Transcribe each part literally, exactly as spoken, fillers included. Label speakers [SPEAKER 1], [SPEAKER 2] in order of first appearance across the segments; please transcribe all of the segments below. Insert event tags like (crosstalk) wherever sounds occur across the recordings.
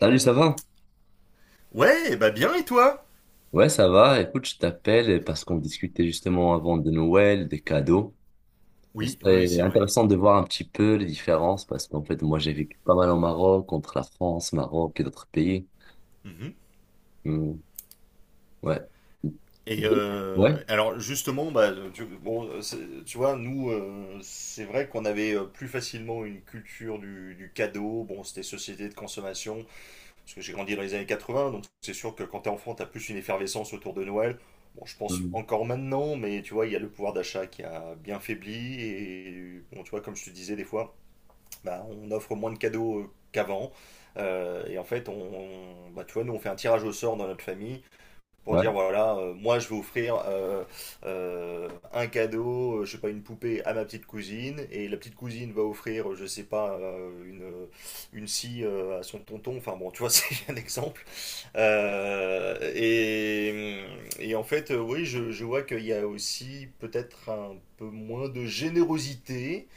[SPEAKER 1] Salut, ça va?
[SPEAKER 2] Ouais, bah bien et toi.
[SPEAKER 1] Ouais, ça va. Écoute, je t'appelle parce qu'on discutait justement avant de Noël, des cadeaux. Ce
[SPEAKER 2] Oui, oui, oui,
[SPEAKER 1] serait
[SPEAKER 2] c'est vrai.
[SPEAKER 1] intéressant de voir un petit peu les différences parce qu'en fait, moi, j'ai vécu pas mal au Maroc, entre la France, Maroc et d'autres pays.
[SPEAKER 2] Mhm.
[SPEAKER 1] Hmm. Ouais.
[SPEAKER 2] Et euh,
[SPEAKER 1] Ouais.
[SPEAKER 2] alors justement, bah, tu, bon, c'est- tu vois, nous, euh, c'est vrai qu'on avait euh, plus facilement une culture du, du cadeau. Bon, c'était société de consommation, parce que j'ai grandi dans les années quatre-vingts, donc c'est sûr que quand t'es enfant, t'as plus une effervescence autour de Noël. Bon, je pense
[SPEAKER 1] Hmm.
[SPEAKER 2] encore maintenant, mais tu vois, il y a le pouvoir d'achat qui a bien faibli. Et bon, tu vois, comme je te disais des fois, bah, on offre moins de cadeaux euh, qu'avant. Euh, et en fait, on, on- bah, tu vois, nous, on fait un tirage au sort dans notre famille pour
[SPEAKER 1] Ouais.
[SPEAKER 2] dire, voilà, euh, moi, je vais offrir euh, euh, un cadeau, euh, je sais pas, une poupée à ma petite cousine. Et la petite cousine va offrir, euh, je sais pas, euh, une, euh, une scie euh, à son tonton. Enfin bon, tu vois, (laughs) c'est un exemple. Euh, et, et en fait, euh, oui, je, je vois qu'il y a aussi peut-être un peu moins de générosité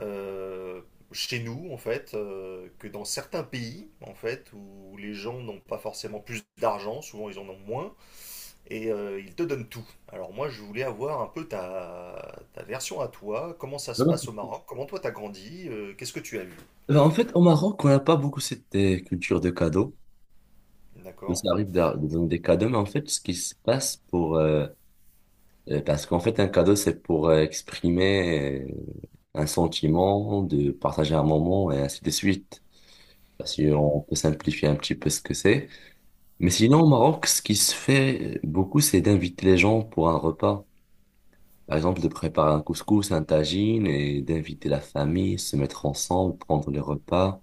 [SPEAKER 2] euh, chez nous, en fait, euh, que dans certains pays, en fait, où les gens n'ont pas forcément plus d'argent, souvent ils en ont moins, et euh, ils te donnent tout. Alors moi, je voulais avoir un peu ta, ta version à toi, comment ça se
[SPEAKER 1] Non, non,
[SPEAKER 2] passe au
[SPEAKER 1] c'est-
[SPEAKER 2] Maroc, comment toi t'as grandi, euh, qu'est-ce que tu as vu,
[SPEAKER 1] Ben, en fait, au Maroc, on n'a pas beaucoup cette euh, culture de cadeaux. Nous,
[SPEAKER 2] d'accord?
[SPEAKER 1] ça arrive de, de donner des cadeaux, mais en fait, ce qui se passe pour... euh, euh, parce qu'en fait, un cadeau, c'est pour euh, exprimer euh, un sentiment, de partager un moment et ainsi de suite. Bah, si
[SPEAKER 2] Mhm,
[SPEAKER 1] on peut simplifier un petit peu ce que c'est. Mais
[SPEAKER 2] mhm,
[SPEAKER 1] sinon, au Maroc, ce qui se fait beaucoup, c'est d'inviter les gens pour un repas. Par exemple, de préparer un couscous, un tagine, et d'inviter la famille, se mettre ensemble, prendre les repas.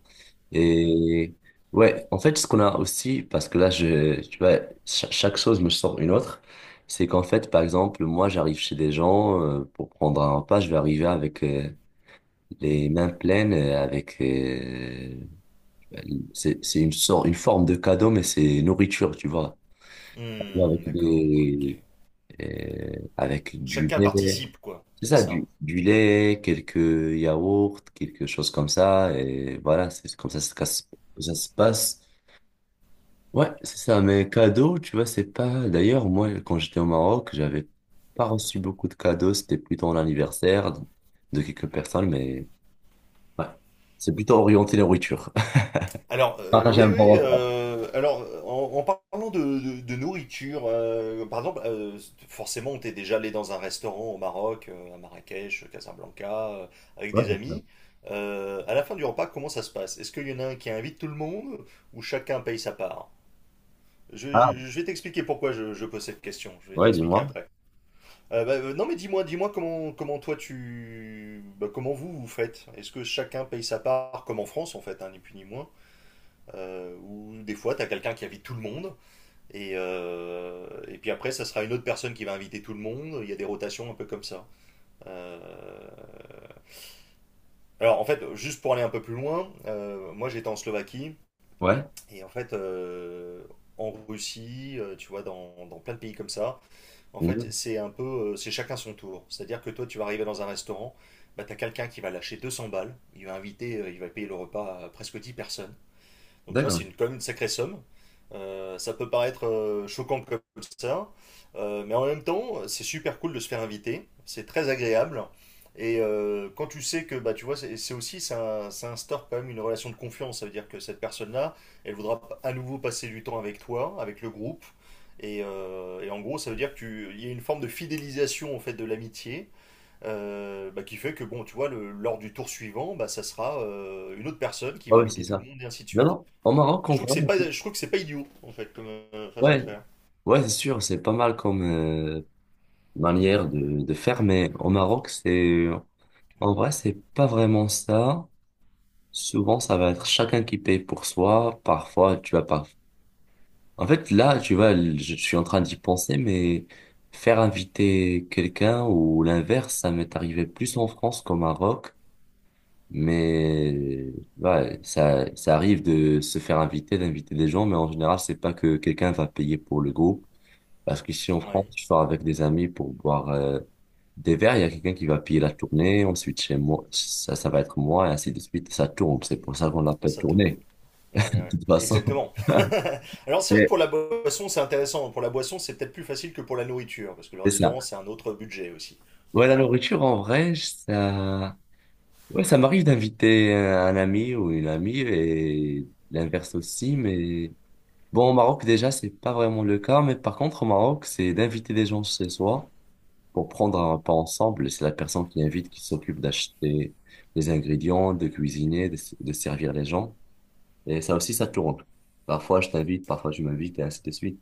[SPEAKER 2] mhm.
[SPEAKER 1] Et ouais, en fait, ce qu'on a aussi, parce que là, je, tu vois, cha- chaque chose me sort une autre, c'est qu'en fait, par exemple, moi, j'arrive chez des gens euh, pour prendre un repas, je vais arriver avec euh, les mains pleines, euh, avec euh, ben, C'est, c'est une sorte, une forme de cadeau, mais c'est nourriture, tu vois.
[SPEAKER 2] Hmm,
[SPEAKER 1] Avec
[SPEAKER 2] d'accord, ok.
[SPEAKER 1] des, euh, avec du
[SPEAKER 2] Chacun
[SPEAKER 1] lait.
[SPEAKER 2] participe, quoi,
[SPEAKER 1] C'est
[SPEAKER 2] c'est
[SPEAKER 1] ça,
[SPEAKER 2] ça.
[SPEAKER 1] du, du lait, quelques yaourts, quelque chose comme ça. Et voilà, c'est comme ça, se casse- ça se passe. Ouais, c'est ça. Mais cadeau, tu vois, c'est pas. D'ailleurs, moi, quand j'étais au Maroc, j'avais pas reçu beaucoup de cadeaux. C'était plutôt l'anniversaire de de quelques personnes, mais ouais. C'est plutôt orienté nourriture.
[SPEAKER 2] Alors,
[SPEAKER 1] (laughs)
[SPEAKER 2] euh, oui,
[SPEAKER 1] Partager un
[SPEAKER 2] oui.
[SPEAKER 1] bon repas.
[SPEAKER 2] euh, alors, en, en parlant de, de- de nourriture, euh, par exemple, euh, forcément, on était déjà allé dans un restaurant au Maroc, euh, à Marrakech, Casablanca, euh, avec
[SPEAKER 1] Ouais,
[SPEAKER 2] des
[SPEAKER 1] c'est ça.
[SPEAKER 2] amis. Euh, à la fin du repas, comment ça se passe? Est-ce qu'il y en a un qui invite tout le monde ou chacun paye sa part? Je,
[SPEAKER 1] Ah,
[SPEAKER 2] je- je vais t'expliquer pourquoi je, je pose cette question. Je vais
[SPEAKER 1] ouais,
[SPEAKER 2] t'expliquer
[SPEAKER 1] dis-moi.
[SPEAKER 2] après. Euh, bah, euh, non, mais dis-moi, Dis-moi comment, comment toi tu, bah, comment vous vous faites? Est-ce que chacun paye sa part, comme en France en fait, hein, ni plus ni moins? Euh, où des fois, tu as quelqu'un qui invite tout le monde, et, euh, et puis après, ça sera une autre personne qui va inviter tout le monde. Il y a des rotations un peu comme ça. Euh, Alors, en fait, juste pour aller un peu plus loin, euh, moi j'étais en Slovaquie,
[SPEAKER 1] Ouais.
[SPEAKER 2] et en fait, euh, en Russie, euh, tu vois, dans, dans plein de pays comme ça, en fait,
[SPEAKER 1] Mhm.
[SPEAKER 2] c'est un peu, euh, c'est chacun son tour. C'est-à-dire que toi, tu vas arriver dans un restaurant, bah, tu as quelqu'un qui va lâcher deux cents balles, il va inviter, euh, il va payer le repas à presque dix personnes. Donc tu vois,
[SPEAKER 1] D'accord.
[SPEAKER 2] c'est une, quand même une sacrée somme. Euh, ça peut paraître euh, choquant comme ça, euh, mais en même temps, c'est super cool de se faire inviter, c'est très agréable. Et euh, quand tu sais que, bah, tu vois, c'est c'est aussi, ça, ça instaure quand même une relation de confiance. Ça veut dire que cette personne-là, elle voudra p- à nouveau passer du temps avec toi, avec le groupe. Et, euh, et en gros, ça veut dire qu'il y a une forme de fidélisation en fait de l'amitié, euh, bah, qui fait que, bon, tu vois, le- lors du tour suivant, bah, ça sera euh, une autre personne qui
[SPEAKER 1] Ah
[SPEAKER 2] va
[SPEAKER 1] ouais, c'est
[SPEAKER 2] inviter tout le
[SPEAKER 1] ça.
[SPEAKER 2] monde et ainsi de
[SPEAKER 1] Non,
[SPEAKER 2] suite.
[SPEAKER 1] non, au Maroc,
[SPEAKER 2] Et
[SPEAKER 1] on
[SPEAKER 2] je trouve que
[SPEAKER 1] voit.
[SPEAKER 2] c'est pas, je trouve que c'est pas idiot, en fait, comme euh, façon de
[SPEAKER 1] Ouais,
[SPEAKER 2] faire.
[SPEAKER 1] ouais, c'est sûr, c'est pas mal comme euh, manière de, de faire, mais au Maroc, c'est, en vrai, c'est pas vraiment ça. Souvent, ça va être chacun qui paye pour soi. Parfois, tu vas pas. En fait, là, tu vois, je suis en train d'y penser, mais faire inviter quelqu'un ou l'inverse, ça m'est arrivé plus en France qu'au Maroc. Mais ouais, ça, ça arrive de se faire inviter, d'inviter des gens, mais en général, c'est pas que quelqu'un va payer pour le groupe. Parce qu'ici en France,
[SPEAKER 2] Ouais,
[SPEAKER 1] je sors avec des amis pour boire euh, des verres, il y a quelqu'un qui va payer la tournée, ensuite chez moi, ça, ça va être moi, et ainsi de suite, ça tourne. C'est pour ça qu'on l'appelle
[SPEAKER 2] ça tourne.
[SPEAKER 1] tournée,
[SPEAKER 2] Ouais,
[SPEAKER 1] (laughs) de
[SPEAKER 2] ouais,
[SPEAKER 1] toute façon.
[SPEAKER 2] exactement. (laughs) Alors c'est vrai que
[SPEAKER 1] Ouais.
[SPEAKER 2] pour la boisson, c'est intéressant. Pour la boisson, c'est peut-être plus facile que pour la nourriture, parce que le
[SPEAKER 1] C'est ça.
[SPEAKER 2] restaurant, c'est un autre budget aussi.
[SPEAKER 1] Ouais, la
[SPEAKER 2] Voilà.
[SPEAKER 1] nourriture, en vrai, ça, ouais, ça m'arrive d'inviter euh, un ami ou une amie, et l'inverse aussi, mais. Bon, au Maroc, déjà, c'est pas vraiment le cas, mais par contre, au Maroc, c'est d'inviter des gens chez soi pour prendre un repas ensemble. C'est la personne qui invite qui s'occupe d'acheter les ingrédients, de cuisiner, de, de servir les gens. Et ça aussi, ça tourne. Parfois, je t'invite, parfois, tu m'invites, et ainsi de suite.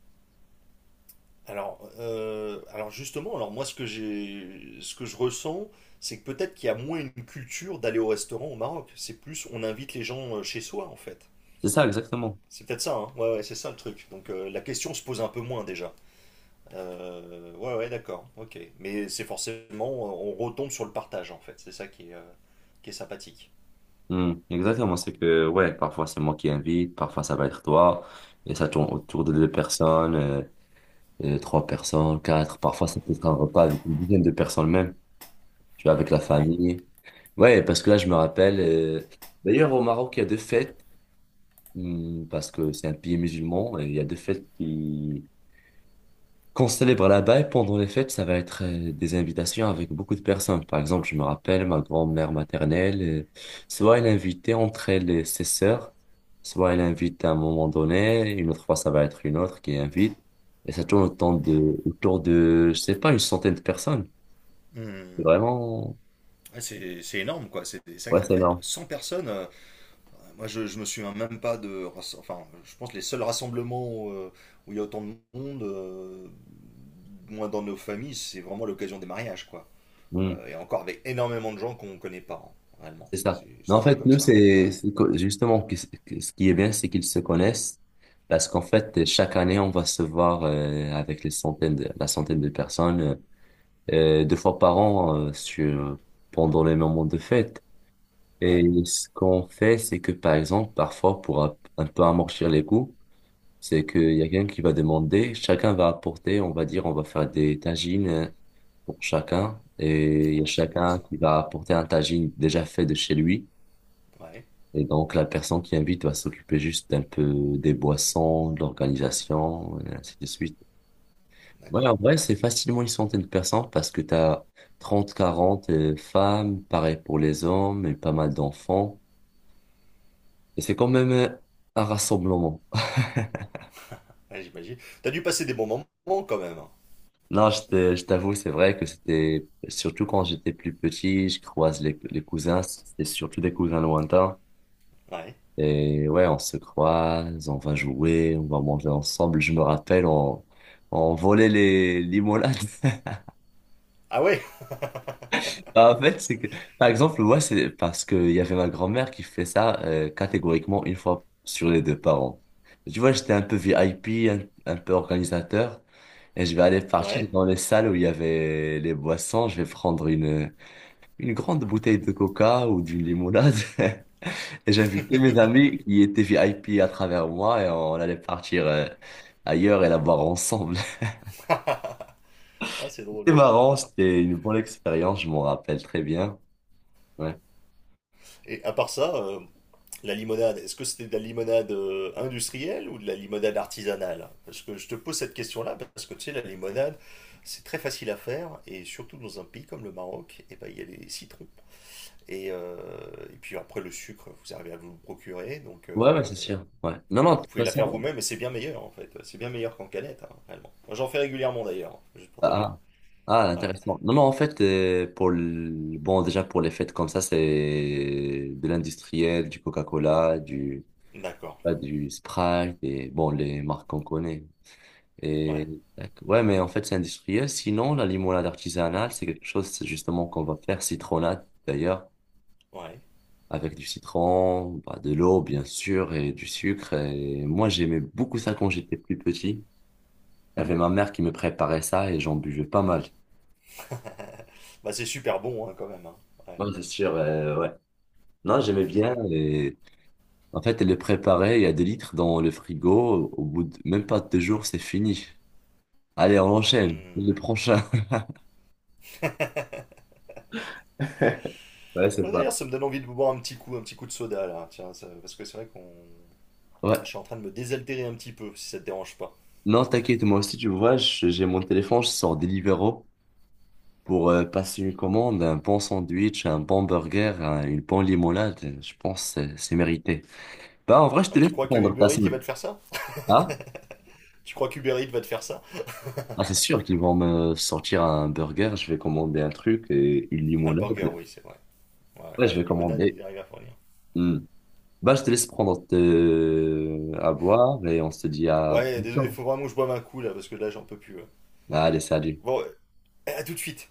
[SPEAKER 2] Alors, euh, alors justement, alors moi, ce que j'ai, ce que je ressens, c'est que peut-être qu'il y a moins une culture d'aller au restaurant au Maroc. C'est plus, on invite les gens euh, chez soi, en fait.
[SPEAKER 1] C'est ça, exactement.
[SPEAKER 2] C'est peut-être ça, hein. Ouais, ouais, c'est ça le truc. Donc euh, la question se pose un peu moins déjà. Euh, ouais, ouais, d'accord, ok. Mais c'est forcément, on retombe sur le partage en fait, c'est ça qui est, euh, qui est sympathique.
[SPEAKER 1] Hmm, exactement. C'est que, ouais, parfois, c'est moi qui invite, parfois, ça va être toi. Et ça tourne autour de deux personnes, euh, euh, trois personnes, quatre. Parfois, ça peut être un repas avec une dizaine de personnes même. Tu vois, avec la
[SPEAKER 2] Ouais.
[SPEAKER 1] famille. Ouais, parce que là, je me rappelle, euh, d'ailleurs, au Maroc, il y a deux fêtes, hum, parce que c'est un pays musulman, et il y a deux fêtes qui, qu'on célèbre là-bas, et pendant les fêtes, ça va être euh, des invitations avec beaucoup de personnes. Par exemple, je me rappelle, ma grand-mère maternelle, euh, soit elle invitait entre elle et ses sœurs, soit elle invite à un moment donné, une autre fois, ça va être une autre qui invite, et ça tourne autour de, autour de, je sais pas, une centaine de personnes. C'est
[SPEAKER 2] Hmm.
[SPEAKER 1] vraiment,
[SPEAKER 2] Ouais, C'est c'est énorme quoi, c'est des
[SPEAKER 1] ouais,
[SPEAKER 2] sacrées
[SPEAKER 1] c'est
[SPEAKER 2] fêtes.
[SPEAKER 1] énorme.
[SPEAKER 2] Cent personnes, euh, moi je, je me souviens même pas de. rass- Enfin, je pense que les seuls rassemblements euh, où il y a autant de monde, euh, moins dans nos familles, c'est vraiment l'occasion des mariages quoi.
[SPEAKER 1] Hmm.
[SPEAKER 2] Euh, et encore avec énormément de gens qu'on connaît pas, hein, réellement.
[SPEAKER 1] C'est ça.
[SPEAKER 2] C'est
[SPEAKER 1] Mais
[SPEAKER 2] c'est
[SPEAKER 1] en
[SPEAKER 2] toujours
[SPEAKER 1] fait,
[SPEAKER 2] comme
[SPEAKER 1] nous,
[SPEAKER 2] ça. Ouais,
[SPEAKER 1] c'est
[SPEAKER 2] ouais.
[SPEAKER 1] c'est que- justement que- que- ce qui est bien, c'est qu'ils se connaissent parce qu'en fait, chaque année, on va se voir euh, avec les centaines de, la centaine de personnes euh, euh, deux fois par an euh, sur, pendant les moments de fête. Et
[SPEAKER 2] Ouais.
[SPEAKER 1] ce qu'on fait, c'est que par exemple, parfois, pour un, un peu amortir les coups, c'est qu'il y a quelqu'un qui va demander, chacun va apporter, on va dire, on va faire des tagines euh, pour chacun et il y a
[SPEAKER 2] Oh, c'est bon
[SPEAKER 1] chacun
[SPEAKER 2] ça.
[SPEAKER 1] qui va apporter un tagine déjà fait de chez lui.
[SPEAKER 2] Ouais,
[SPEAKER 1] Et donc, la personne qui invite va s'occuper juste un peu des boissons, de l'organisation, et ainsi de suite. Ouais, en
[SPEAKER 2] d'accord.
[SPEAKER 1] vrai, c'est facilement une centaine de personnes parce que tu as trente, quarante euh, femmes, pareil pour les hommes et pas mal d'enfants. Et c'est quand même euh, un rassemblement. (laughs)
[SPEAKER 2] Ouais, j'imagine. T'as dû passer des bons moments quand même, hein.
[SPEAKER 1] Non, je te- je t'avoue, c'est vrai que c'était, surtout quand j'étais plus petit, je croise les, les cousins, c'était surtout des cousins lointains.
[SPEAKER 2] Ouais.
[SPEAKER 1] Et ouais, on se croise, on va jouer, on va manger ensemble. Je me rappelle, on, on volait les limonades. (laughs)
[SPEAKER 2] Ah ouais?
[SPEAKER 1] Bah, en fait, c'est que, par exemple, ouais, c'est parce qu'il y avait ma grand-mère qui fait ça euh, catégoriquement une fois sur les deux parents. Tu vois, j'étais un peu V I P, un, un peu organisateur, et je vais aller partir
[SPEAKER 2] Ouais.
[SPEAKER 1] dans les salles où il y avait les boissons. Je vais prendre une, une grande bouteille de coca ou d'une limonade. (laughs) Et j'invitais mes amis qui étaient V I P à travers moi et on allait partir euh, ailleurs et la boire ensemble.
[SPEAKER 2] Ah, c'est
[SPEAKER 1] (laughs) C'était
[SPEAKER 2] drôle.
[SPEAKER 1] marrant,
[SPEAKER 2] Ouais.
[SPEAKER 1] c'était une bonne expérience, je m'en rappelle très bien. Ouais,
[SPEAKER 2] Et à part ça, euh, la limonade, est-ce que c'était de la limonade euh, industrielle ou de la limonade artisanale? Parce que je te pose cette question-là parce que tu sais, la limonade, c'est très facile à faire et surtout dans un pays comme le Maroc, et ben, il y a les citrons. Et, euh, et puis après, le sucre, vous arrivez à vous le procurer, donc
[SPEAKER 1] ouais,
[SPEAKER 2] euh,
[SPEAKER 1] ouais, c'est sûr. Ouais. Non,
[SPEAKER 2] et
[SPEAKER 1] non, de
[SPEAKER 2] vous
[SPEAKER 1] toute
[SPEAKER 2] pouvez la faire
[SPEAKER 1] façon,
[SPEAKER 2] vous-même et c'est bien meilleur en fait. C'est bien meilleur qu'en canette, hein, réellement. Moi, j'en fais régulièrement d'ailleurs, juste pour te dire.
[SPEAKER 1] ah, ah, ah,
[SPEAKER 2] Ouais.
[SPEAKER 1] intéressant. Non, non, en fait, euh, pour le... bon, déjà pour les fêtes comme ça, c'est de l'industriel, du Coca-Cola, du,
[SPEAKER 2] D'accord.
[SPEAKER 1] pas du Sprite et bon, les marques qu'on connaît. Et
[SPEAKER 2] Ouais.
[SPEAKER 1] tac. Ouais, mais en fait, c'est industriel. Sinon, la limonade artisanale, c'est quelque chose c'est justement qu'on va faire citronnade d'ailleurs,
[SPEAKER 2] Ouais.
[SPEAKER 1] avec du citron, bah, de l'eau bien sûr et du sucre. Et moi, j'aimais beaucoup ça quand j'étais plus petit. Il y avait ma mère qui me préparait ça et j'en buvais pas mal.
[SPEAKER 2] Bah c'est super bon hein, quand même, hein. Ouais.
[SPEAKER 1] Non, c'est sûr, euh, ouais. Non, j'aimais bien. Et en fait, elle le préparait. Il y a des litres dans le frigo. Au bout de même pas deux jours, c'est fini. Allez, on enchaîne. Le
[SPEAKER 2] Hmm.
[SPEAKER 1] prochain. (laughs) Ouais, c'est
[SPEAKER 2] Ouais,
[SPEAKER 1] pas.
[SPEAKER 2] d'ailleurs, ça me donne envie de boire un petit coup, un petit coup de soda là. Tiens, ça- parce que c'est vrai qu'on,
[SPEAKER 1] Ouais.
[SPEAKER 2] je suis en train de me désaltérer un petit peu, si ça te dérange pas.
[SPEAKER 1] Non, t'inquiète, moi aussi, tu vois, je- j'ai mon téléphone, je sors Deliveroo pour euh, passer une commande, un bon sandwich, un bon burger, un- une bonne limonade. Je pense que c'est c'est mérité. Bah, en vrai, je te
[SPEAKER 2] Ouais,
[SPEAKER 1] laisse
[SPEAKER 2] tu crois que
[SPEAKER 1] prendre ta
[SPEAKER 2] Uber Eats il va
[SPEAKER 1] semaine.
[SPEAKER 2] te faire ça?
[SPEAKER 1] Ah,
[SPEAKER 2] Tu crois qu'Uber Eats va te faire ça?
[SPEAKER 1] ah c'est sûr qu'ils vont me sortir un burger, je vais commander un truc et une
[SPEAKER 2] Ah, le burger,
[SPEAKER 1] limonade.
[SPEAKER 2] oui, c'est vrai. Ouais, ouais.
[SPEAKER 1] Ouais, je vais
[SPEAKER 2] Limonade, il
[SPEAKER 1] commander.
[SPEAKER 2] arrive à fournir.
[SPEAKER 1] Hmm. Bah, je te laisse prendre te- à boire et on se dit à
[SPEAKER 2] Ouais, désolé, il
[SPEAKER 1] bientôt.
[SPEAKER 2] faut vraiment que je boive un coup là, parce que là, j'en peux plus, ouais.
[SPEAKER 1] Allez, salut.
[SPEAKER 2] Bon, euh, à tout de suite.